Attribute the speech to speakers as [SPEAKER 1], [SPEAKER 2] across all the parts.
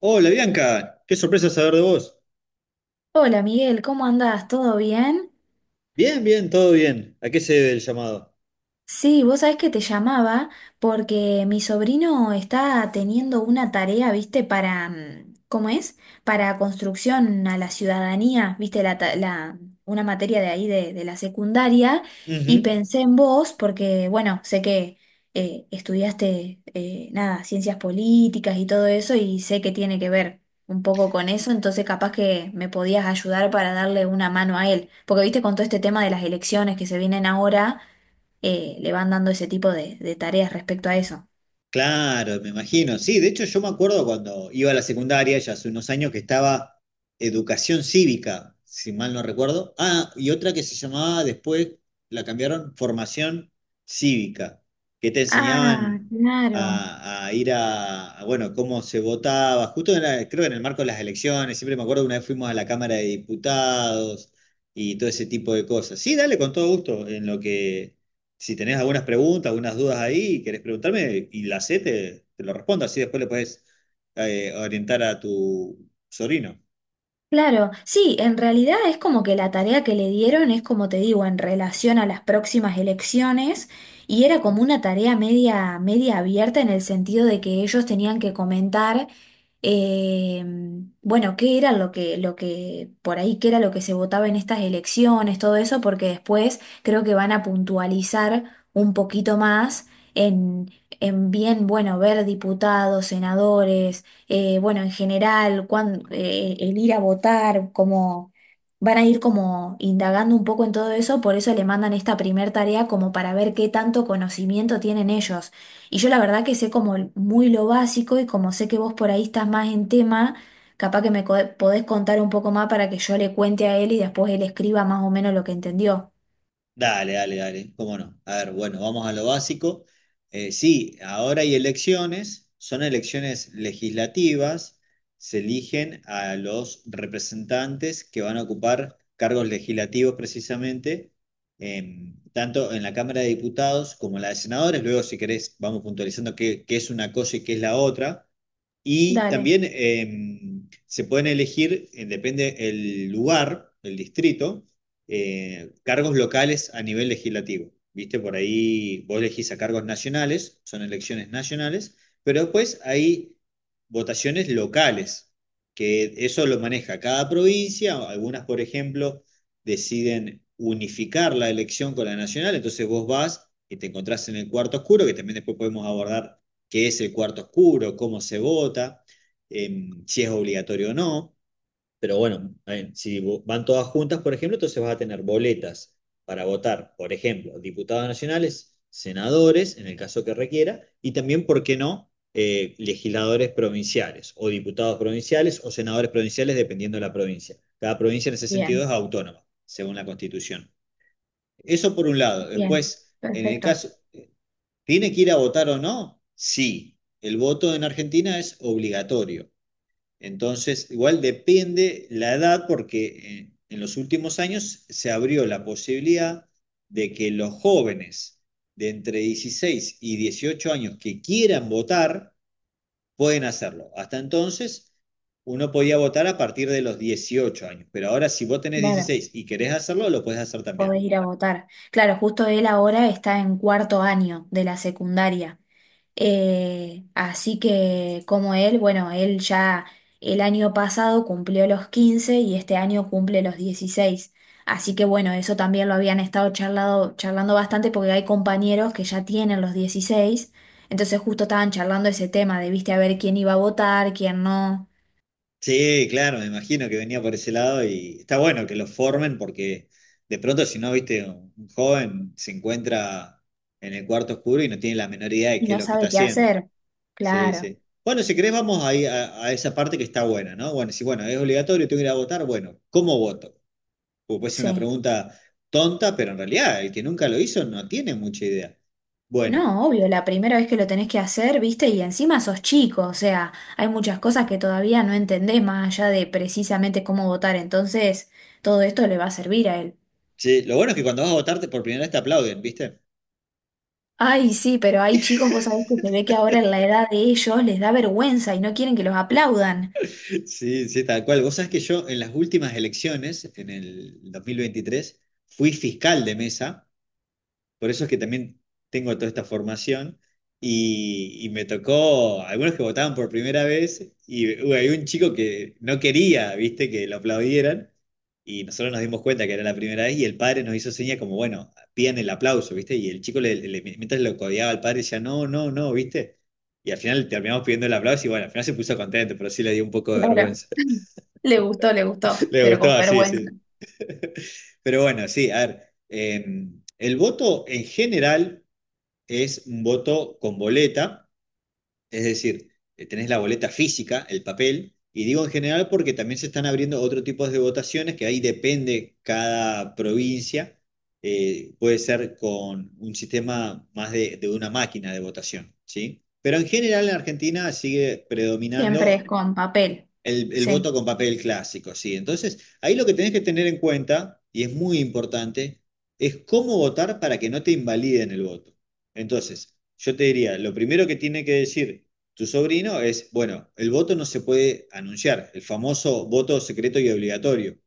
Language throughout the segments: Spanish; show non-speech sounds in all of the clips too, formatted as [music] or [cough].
[SPEAKER 1] Hola Bianca, qué sorpresa saber de vos.
[SPEAKER 2] Hola Miguel, ¿cómo andás? ¿Todo bien?
[SPEAKER 1] Bien, bien, todo bien. ¿A qué se debe el llamado?
[SPEAKER 2] Sí, vos sabés que te llamaba porque mi sobrino está teniendo una tarea, viste, para, ¿cómo es? Para construcción a la ciudadanía, viste, una materia de ahí de la secundaria, y
[SPEAKER 1] Ujú.
[SPEAKER 2] pensé en vos porque, bueno, sé que estudiaste, nada, ciencias políticas y todo eso, y sé que tiene que ver un poco con eso, entonces capaz que me podías ayudar para darle una mano a él, porque, viste, con todo este tema de las elecciones que se vienen ahora, le van dando ese tipo de tareas respecto a eso.
[SPEAKER 1] Claro, me imagino. Sí, de hecho yo me acuerdo cuando iba a la secundaria, ya hace unos años, que estaba educación cívica, si mal no recuerdo. Ah, y otra que se llamaba después, la cambiaron, formación cívica, que te
[SPEAKER 2] Ah,
[SPEAKER 1] enseñaban
[SPEAKER 2] claro.
[SPEAKER 1] a ir a, bueno, cómo se votaba, justo creo que en el marco de las elecciones, siempre me acuerdo una vez fuimos a la Cámara de Diputados y todo ese tipo de cosas. Sí, dale, con todo gusto, en lo que si tenés algunas preguntas, algunas dudas ahí, querés preguntarme y la sé, te lo respondo. Así después le puedes orientar a tu sobrino.
[SPEAKER 2] Claro, sí, en realidad es como que la tarea que le dieron es como te digo, en relación a las próximas elecciones, y era como una tarea media, media abierta en el sentido de que ellos tenían que comentar, eh, bueno, qué era lo que, por ahí, qué era lo que se votaba en estas elecciones, todo eso, porque después creo que van a puntualizar un poquito más en, en bien, bueno, ver diputados, senadores, bueno, en general, el ir a votar, como van a ir como indagando un poco en todo eso, por eso le mandan esta primer tarea como para ver qué tanto conocimiento tienen ellos. Y yo la verdad que sé como muy lo básico, y como sé que vos por ahí estás más en tema, capaz que podés contar un poco más para que yo le cuente a él y después él escriba más o menos lo que entendió.
[SPEAKER 1] Dale, dale, dale, cómo no. A ver, bueno, vamos a lo básico. Sí, ahora hay elecciones, son elecciones legislativas, se eligen a los representantes que van a ocupar cargos legislativos precisamente, tanto en la Cámara de Diputados como en la de Senadores. Luego, si querés, vamos puntualizando qué es una cosa y qué es la otra. Y
[SPEAKER 2] Dale,
[SPEAKER 1] también se pueden elegir, depende el lugar, el distrito cargos locales a nivel legislativo. ¿Viste? Por ahí vos elegís a cargos nacionales, son elecciones nacionales, pero después hay votaciones locales, que eso lo maneja cada provincia. Algunas, por ejemplo, deciden unificar la elección con la nacional, entonces vos vas y te encontrás en el cuarto oscuro, que también después podemos abordar qué es el cuarto oscuro, cómo se vota, si es obligatorio o no. Pero bueno, a ver, si van todas juntas, por ejemplo, entonces vas a tener boletas para votar, por ejemplo, diputados nacionales, senadores, en el caso que requiera, y también, ¿por qué no?, legisladores provinciales o diputados provinciales o senadores provinciales, dependiendo de la provincia. Cada provincia en ese sentido
[SPEAKER 2] bien,
[SPEAKER 1] es autónoma, según la Constitución. Eso por un lado.
[SPEAKER 2] bien,
[SPEAKER 1] Después, en el
[SPEAKER 2] perfecto,
[SPEAKER 1] caso, ¿tiene que ir a votar o no? Sí. El voto en Argentina es obligatorio. Entonces, igual depende la edad porque en los últimos años se abrió la posibilidad de que los jóvenes de entre 16 y 18 años que quieran votar pueden hacerlo. Hasta entonces, uno podía votar a partir de los 18 años, pero ahora si vos tenés
[SPEAKER 2] claro.
[SPEAKER 1] 16 y querés hacerlo, lo puedes hacer también.
[SPEAKER 2] Podés ir a votar. Claro, justo él ahora está en cuarto año de la secundaria. Así que como él, bueno, él ya el año pasado cumplió los 15, y este año cumple los 16. Así que bueno, eso también lo habían estado charlando bastante porque hay compañeros que ya tienen los 16. Entonces justo estaban charlando ese tema de, viste, a ver quién iba a votar, quién no,
[SPEAKER 1] Sí, claro, me imagino que venía por ese lado y está bueno que lo formen porque de pronto si no, viste, un joven se encuentra en el cuarto oscuro y no tiene la menor idea de
[SPEAKER 2] y
[SPEAKER 1] qué es
[SPEAKER 2] no
[SPEAKER 1] lo que está
[SPEAKER 2] sabe qué
[SPEAKER 1] haciendo.
[SPEAKER 2] hacer.
[SPEAKER 1] Sí,
[SPEAKER 2] Claro,
[SPEAKER 1] sí. Bueno, si querés vamos ahí a esa parte que está buena, ¿no? Bueno, si bueno, es obligatorio, tengo que ir a votar, bueno, ¿cómo voto? Porque puede ser una
[SPEAKER 2] sí.
[SPEAKER 1] pregunta tonta, pero en realidad el que nunca lo hizo no tiene mucha idea. Bueno,
[SPEAKER 2] No, obvio, la primera vez que lo tenés que hacer, viste, y encima sos chico, o sea, hay muchas cosas que todavía no entendés más allá de precisamente cómo votar, entonces todo esto le va a servir a él.
[SPEAKER 1] sí, lo bueno es que cuando vas a votarte por primera vez te aplauden, ¿viste?
[SPEAKER 2] Ay, sí, pero hay chicos, vos sabés que se ve que ahora en la edad de ellos les da vergüenza y no quieren que los aplaudan.
[SPEAKER 1] Sí, sí, tal cual. Vos sabés que yo en las últimas elecciones, en el 2023 fui fiscal de mesa, por eso es que también tengo toda esta formación, y me tocó algunos que votaban por primera vez, y hubo había un chico que no quería, viste, que lo aplaudieran, y nosotros nos dimos cuenta que era la primera vez, y el padre nos hizo señas como, bueno, pidan el aplauso, viste, y el chico, mientras lo codeaba al padre, decía, no, no, no, viste, y al final terminamos pidiendo el aplauso, y bueno, al final se puso contento, pero sí le dio un poco de
[SPEAKER 2] Claro.
[SPEAKER 1] vergüenza.
[SPEAKER 2] [laughs] Le gustó,
[SPEAKER 1] Le
[SPEAKER 2] pero con
[SPEAKER 1] gustó, sí,
[SPEAKER 2] vergüenza.
[SPEAKER 1] sí. Pero bueno, sí, a ver, eh, el voto en general es un voto con boleta, es decir, tenés la boleta física, el papel, y digo en general porque también se están abriendo otro tipo de votaciones que ahí depende cada provincia, puede ser con un sistema más de una máquina de votación, ¿sí? Pero en general en Argentina sigue
[SPEAKER 2] Siempre es
[SPEAKER 1] predominando
[SPEAKER 2] con papel.
[SPEAKER 1] el
[SPEAKER 2] Sí,
[SPEAKER 1] voto con papel clásico, sí. Entonces, ahí lo que tenés que tener en cuenta, y es muy importante, es cómo votar para que no te invaliden el voto. Entonces, yo te diría, lo primero que tiene que decir tu sobrino es, bueno, el voto no se puede anunciar, el famoso voto secreto y obligatorio,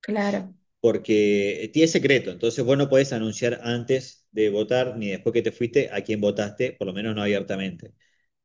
[SPEAKER 2] claro,
[SPEAKER 1] porque es secreto, entonces vos no podés anunciar antes de votar ni después que te fuiste a quién votaste, por lo menos no abiertamente.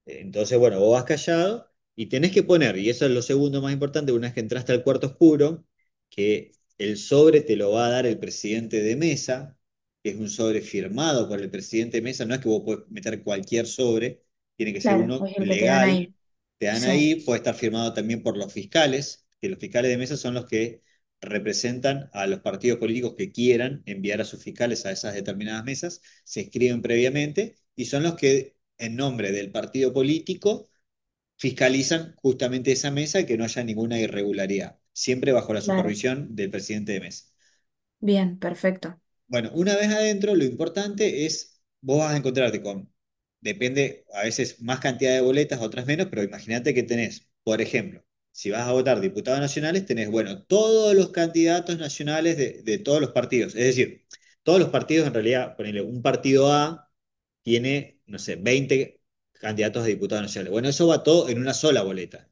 [SPEAKER 1] Entonces, bueno, vos vas callado y tenés que poner, y eso es lo segundo más importante, una vez que entraste al cuarto oscuro, que el sobre te lo va a dar el presidente de mesa, que es un sobre firmado por el presidente de mesa, no es que vos podés meter cualquier sobre, tiene que ser
[SPEAKER 2] claro,
[SPEAKER 1] uno
[SPEAKER 2] es el que te dan
[SPEAKER 1] legal,
[SPEAKER 2] ahí.
[SPEAKER 1] te dan
[SPEAKER 2] Sí,
[SPEAKER 1] ahí, puede estar firmado también por los fiscales, que los fiscales de mesa son los que representan a los partidos políticos que quieran enviar a sus fiscales a esas determinadas mesas, se escriben previamente y son los que en nombre del partido político, fiscalizan justamente esa mesa y que no haya ninguna irregularidad, siempre bajo la
[SPEAKER 2] claro.
[SPEAKER 1] supervisión del presidente de mesa.
[SPEAKER 2] Bien, perfecto.
[SPEAKER 1] Bueno, una vez adentro, lo importante es, vos vas a encontrarte con, depende, a veces más cantidad de boletas, otras menos, pero imagínate que tenés, por ejemplo, si vas a votar diputados nacionales, tenés, bueno, todos los candidatos nacionales de todos los partidos. Es decir, todos los partidos, en realidad, ponele, un partido A tiene, no sé, 20 candidatos a diputados nacionales. Bueno, eso va todo en una sola boleta.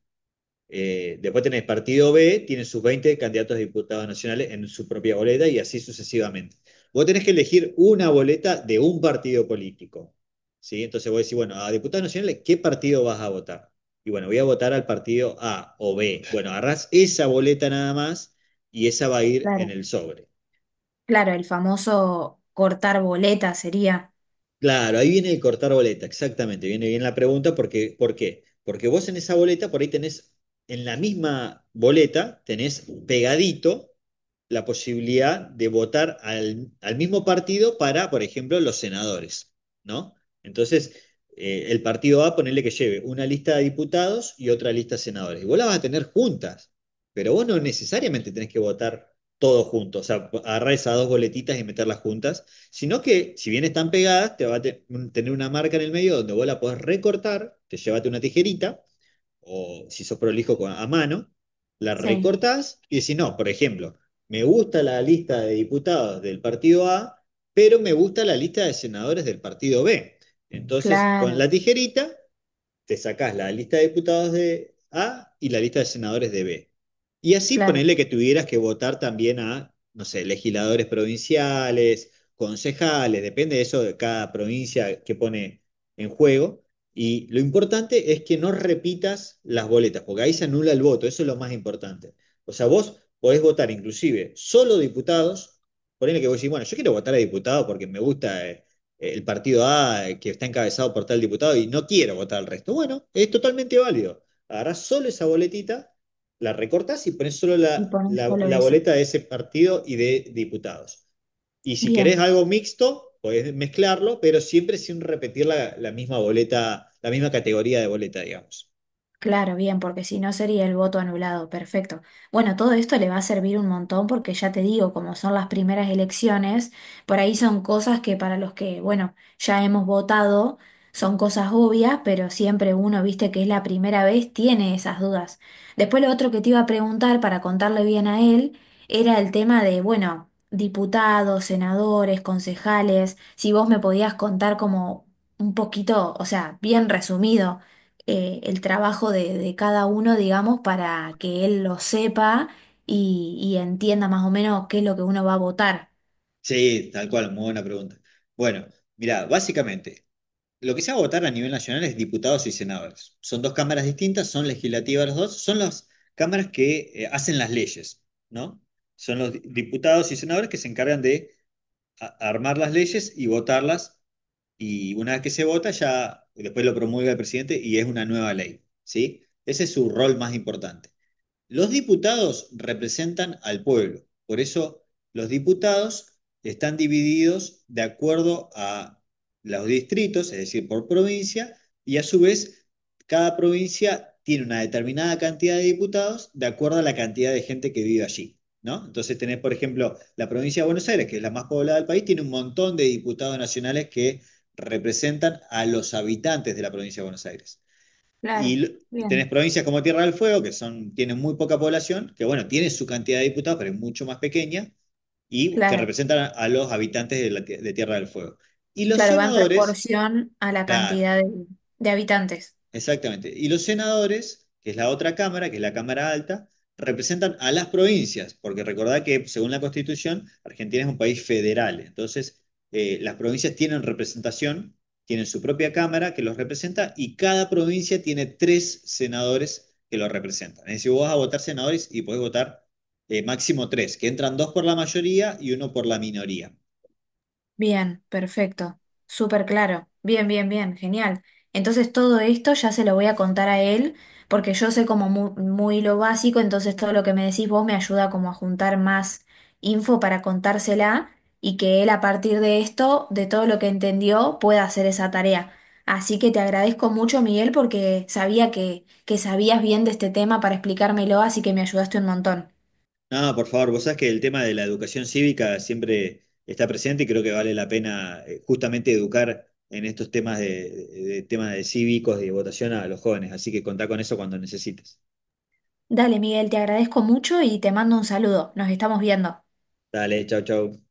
[SPEAKER 1] Después tenés partido B, tiene sus 20 candidatos a diputados nacionales en su propia boleta y así sucesivamente. Vos tenés que elegir una boleta de un partido político. ¿Sí? Entonces vos decís, bueno, a diputados nacionales, ¿qué partido vas a votar? Y bueno, voy a votar al partido A o B. Bueno, agarrás esa boleta nada más y esa va a ir en
[SPEAKER 2] Claro.
[SPEAKER 1] el sobre.
[SPEAKER 2] Claro, el famoso cortar boleta sería.
[SPEAKER 1] Claro, ahí viene el cortar boleta, exactamente, viene bien la pregunta, porque, ¿por qué? Porque vos en esa boleta, por ahí tenés, en la misma boleta, tenés pegadito la posibilidad de votar al mismo partido para, por ejemplo, los senadores, ¿no? Entonces, el partido A, ponerle que lleve una lista de diputados y otra lista de senadores. Y vos las vas a tener juntas, pero vos no necesariamente tenés que votar todos juntos, o sea, agarrar esas dos boletitas y meterlas juntas, sino que si bien están pegadas, te va a tener una marca en el medio donde vos la podés recortar, te llévate una tijerita o si sos prolijo a mano, la
[SPEAKER 2] Sí.
[SPEAKER 1] recortás y decís, no, por ejemplo, me gusta la lista de diputados del partido A, pero me gusta la lista de senadores del partido B. Entonces, con
[SPEAKER 2] Claro,
[SPEAKER 1] la tijerita te sacás la lista de diputados de A y la lista de senadores de B. Y así
[SPEAKER 2] claro.
[SPEAKER 1] ponerle que tuvieras que votar también a, no sé, legisladores provinciales, concejales, depende de eso de cada provincia que pone en juego. Y lo importante es que no repitas las boletas, porque ahí se anula el voto, eso es lo más importante. O sea, vos podés votar inclusive solo diputados, ponele que vos decís, bueno, yo quiero votar a diputado porque me gusta el partido A que está encabezado por tal diputado y no quiero votar al resto. Bueno, es totalmente válido. Agarrás solo esa boletita, la recortás y pones solo
[SPEAKER 2] Y
[SPEAKER 1] la,
[SPEAKER 2] poner
[SPEAKER 1] la,
[SPEAKER 2] solo
[SPEAKER 1] la,
[SPEAKER 2] eso.
[SPEAKER 1] boleta de ese partido y de diputados. Y si querés
[SPEAKER 2] Bien.
[SPEAKER 1] algo mixto, podés mezclarlo, pero siempre sin repetir la misma boleta, la misma categoría de boleta, digamos.
[SPEAKER 2] Claro, bien, porque si no sería el voto anulado, perfecto. Bueno, todo esto le va a servir un montón porque ya te digo, como son las primeras elecciones, por ahí son cosas que para los que, bueno, ya hemos votado, son cosas obvias, pero siempre uno, viste que es la primera vez, tiene esas dudas. Después lo otro que te iba a preguntar para contarle bien a él era el tema de, bueno, diputados, senadores, concejales, si vos me podías contar como un poquito, o sea, bien resumido, el trabajo de cada uno, digamos, para que él lo sepa y entienda más o menos qué es lo que uno va a votar.
[SPEAKER 1] Sí, tal cual, muy buena pregunta. Bueno, mira, básicamente, lo que se va a votar a nivel nacional es diputados y senadores. Son dos cámaras distintas, son legislativas las dos, son las cámaras que hacen las leyes, ¿no? Son los diputados y senadores que se encargan de armar las leyes y votarlas, y una vez que se vota, ya después lo promulga el presidente y es una nueva ley, ¿sí? Ese es su rol más importante. Los diputados representan al pueblo, por eso los diputados están divididos de acuerdo a los distritos, es decir, por provincia, y a su vez cada provincia tiene una determinada cantidad de diputados de acuerdo a la cantidad de gente que vive allí. ¿No? Entonces tenés, por ejemplo, la provincia de Buenos Aires, que es la más poblada del país, tiene un montón de diputados nacionales que representan a los habitantes de la provincia de Buenos Aires.
[SPEAKER 2] Claro,
[SPEAKER 1] Y, y tenés
[SPEAKER 2] bien.
[SPEAKER 1] provincias como Tierra del Fuego, que son, tienen muy poca población, que bueno, tienen su cantidad de diputados, pero es mucho más pequeña, y que
[SPEAKER 2] Claro,
[SPEAKER 1] representan a los habitantes de Tierra del Fuego. Y los
[SPEAKER 2] claro, va en
[SPEAKER 1] senadores,
[SPEAKER 2] proporción a la
[SPEAKER 1] claro.
[SPEAKER 2] cantidad de habitantes.
[SPEAKER 1] Exactamente. Y los senadores, que es la otra cámara, que es la Cámara Alta, representan a las provincias, porque recordad que según la Constitución, Argentina es un país federal. Entonces, las provincias tienen representación, tienen su propia cámara que los representa y cada provincia tiene tres senadores que los representan. Es decir, vos vas a votar senadores y podés votar máximo tres, que entran dos por la mayoría y uno por la minoría.
[SPEAKER 2] Bien, perfecto. Súper claro. Bien, bien, bien. Genial. Entonces todo esto ya se lo voy a contar a él porque yo sé como muy, lo básico, entonces todo lo que me decís vos me ayuda como a juntar más info para contársela y que él a partir de esto, de todo lo que entendió, pueda hacer esa tarea. Así que te agradezco mucho, Miguel, porque sabía que sabías bien de este tema para explicármelo, así que me ayudaste un montón.
[SPEAKER 1] No, por favor, vos sabés que el tema de la educación cívica siempre está presente y creo que vale la pena justamente educar en estos temas de cívicos y de votación a los jóvenes. Así que contá con eso cuando necesites.
[SPEAKER 2] Dale, Miguel, te agradezco mucho y te mando un saludo. Nos estamos viendo.
[SPEAKER 1] Dale, chau, chau.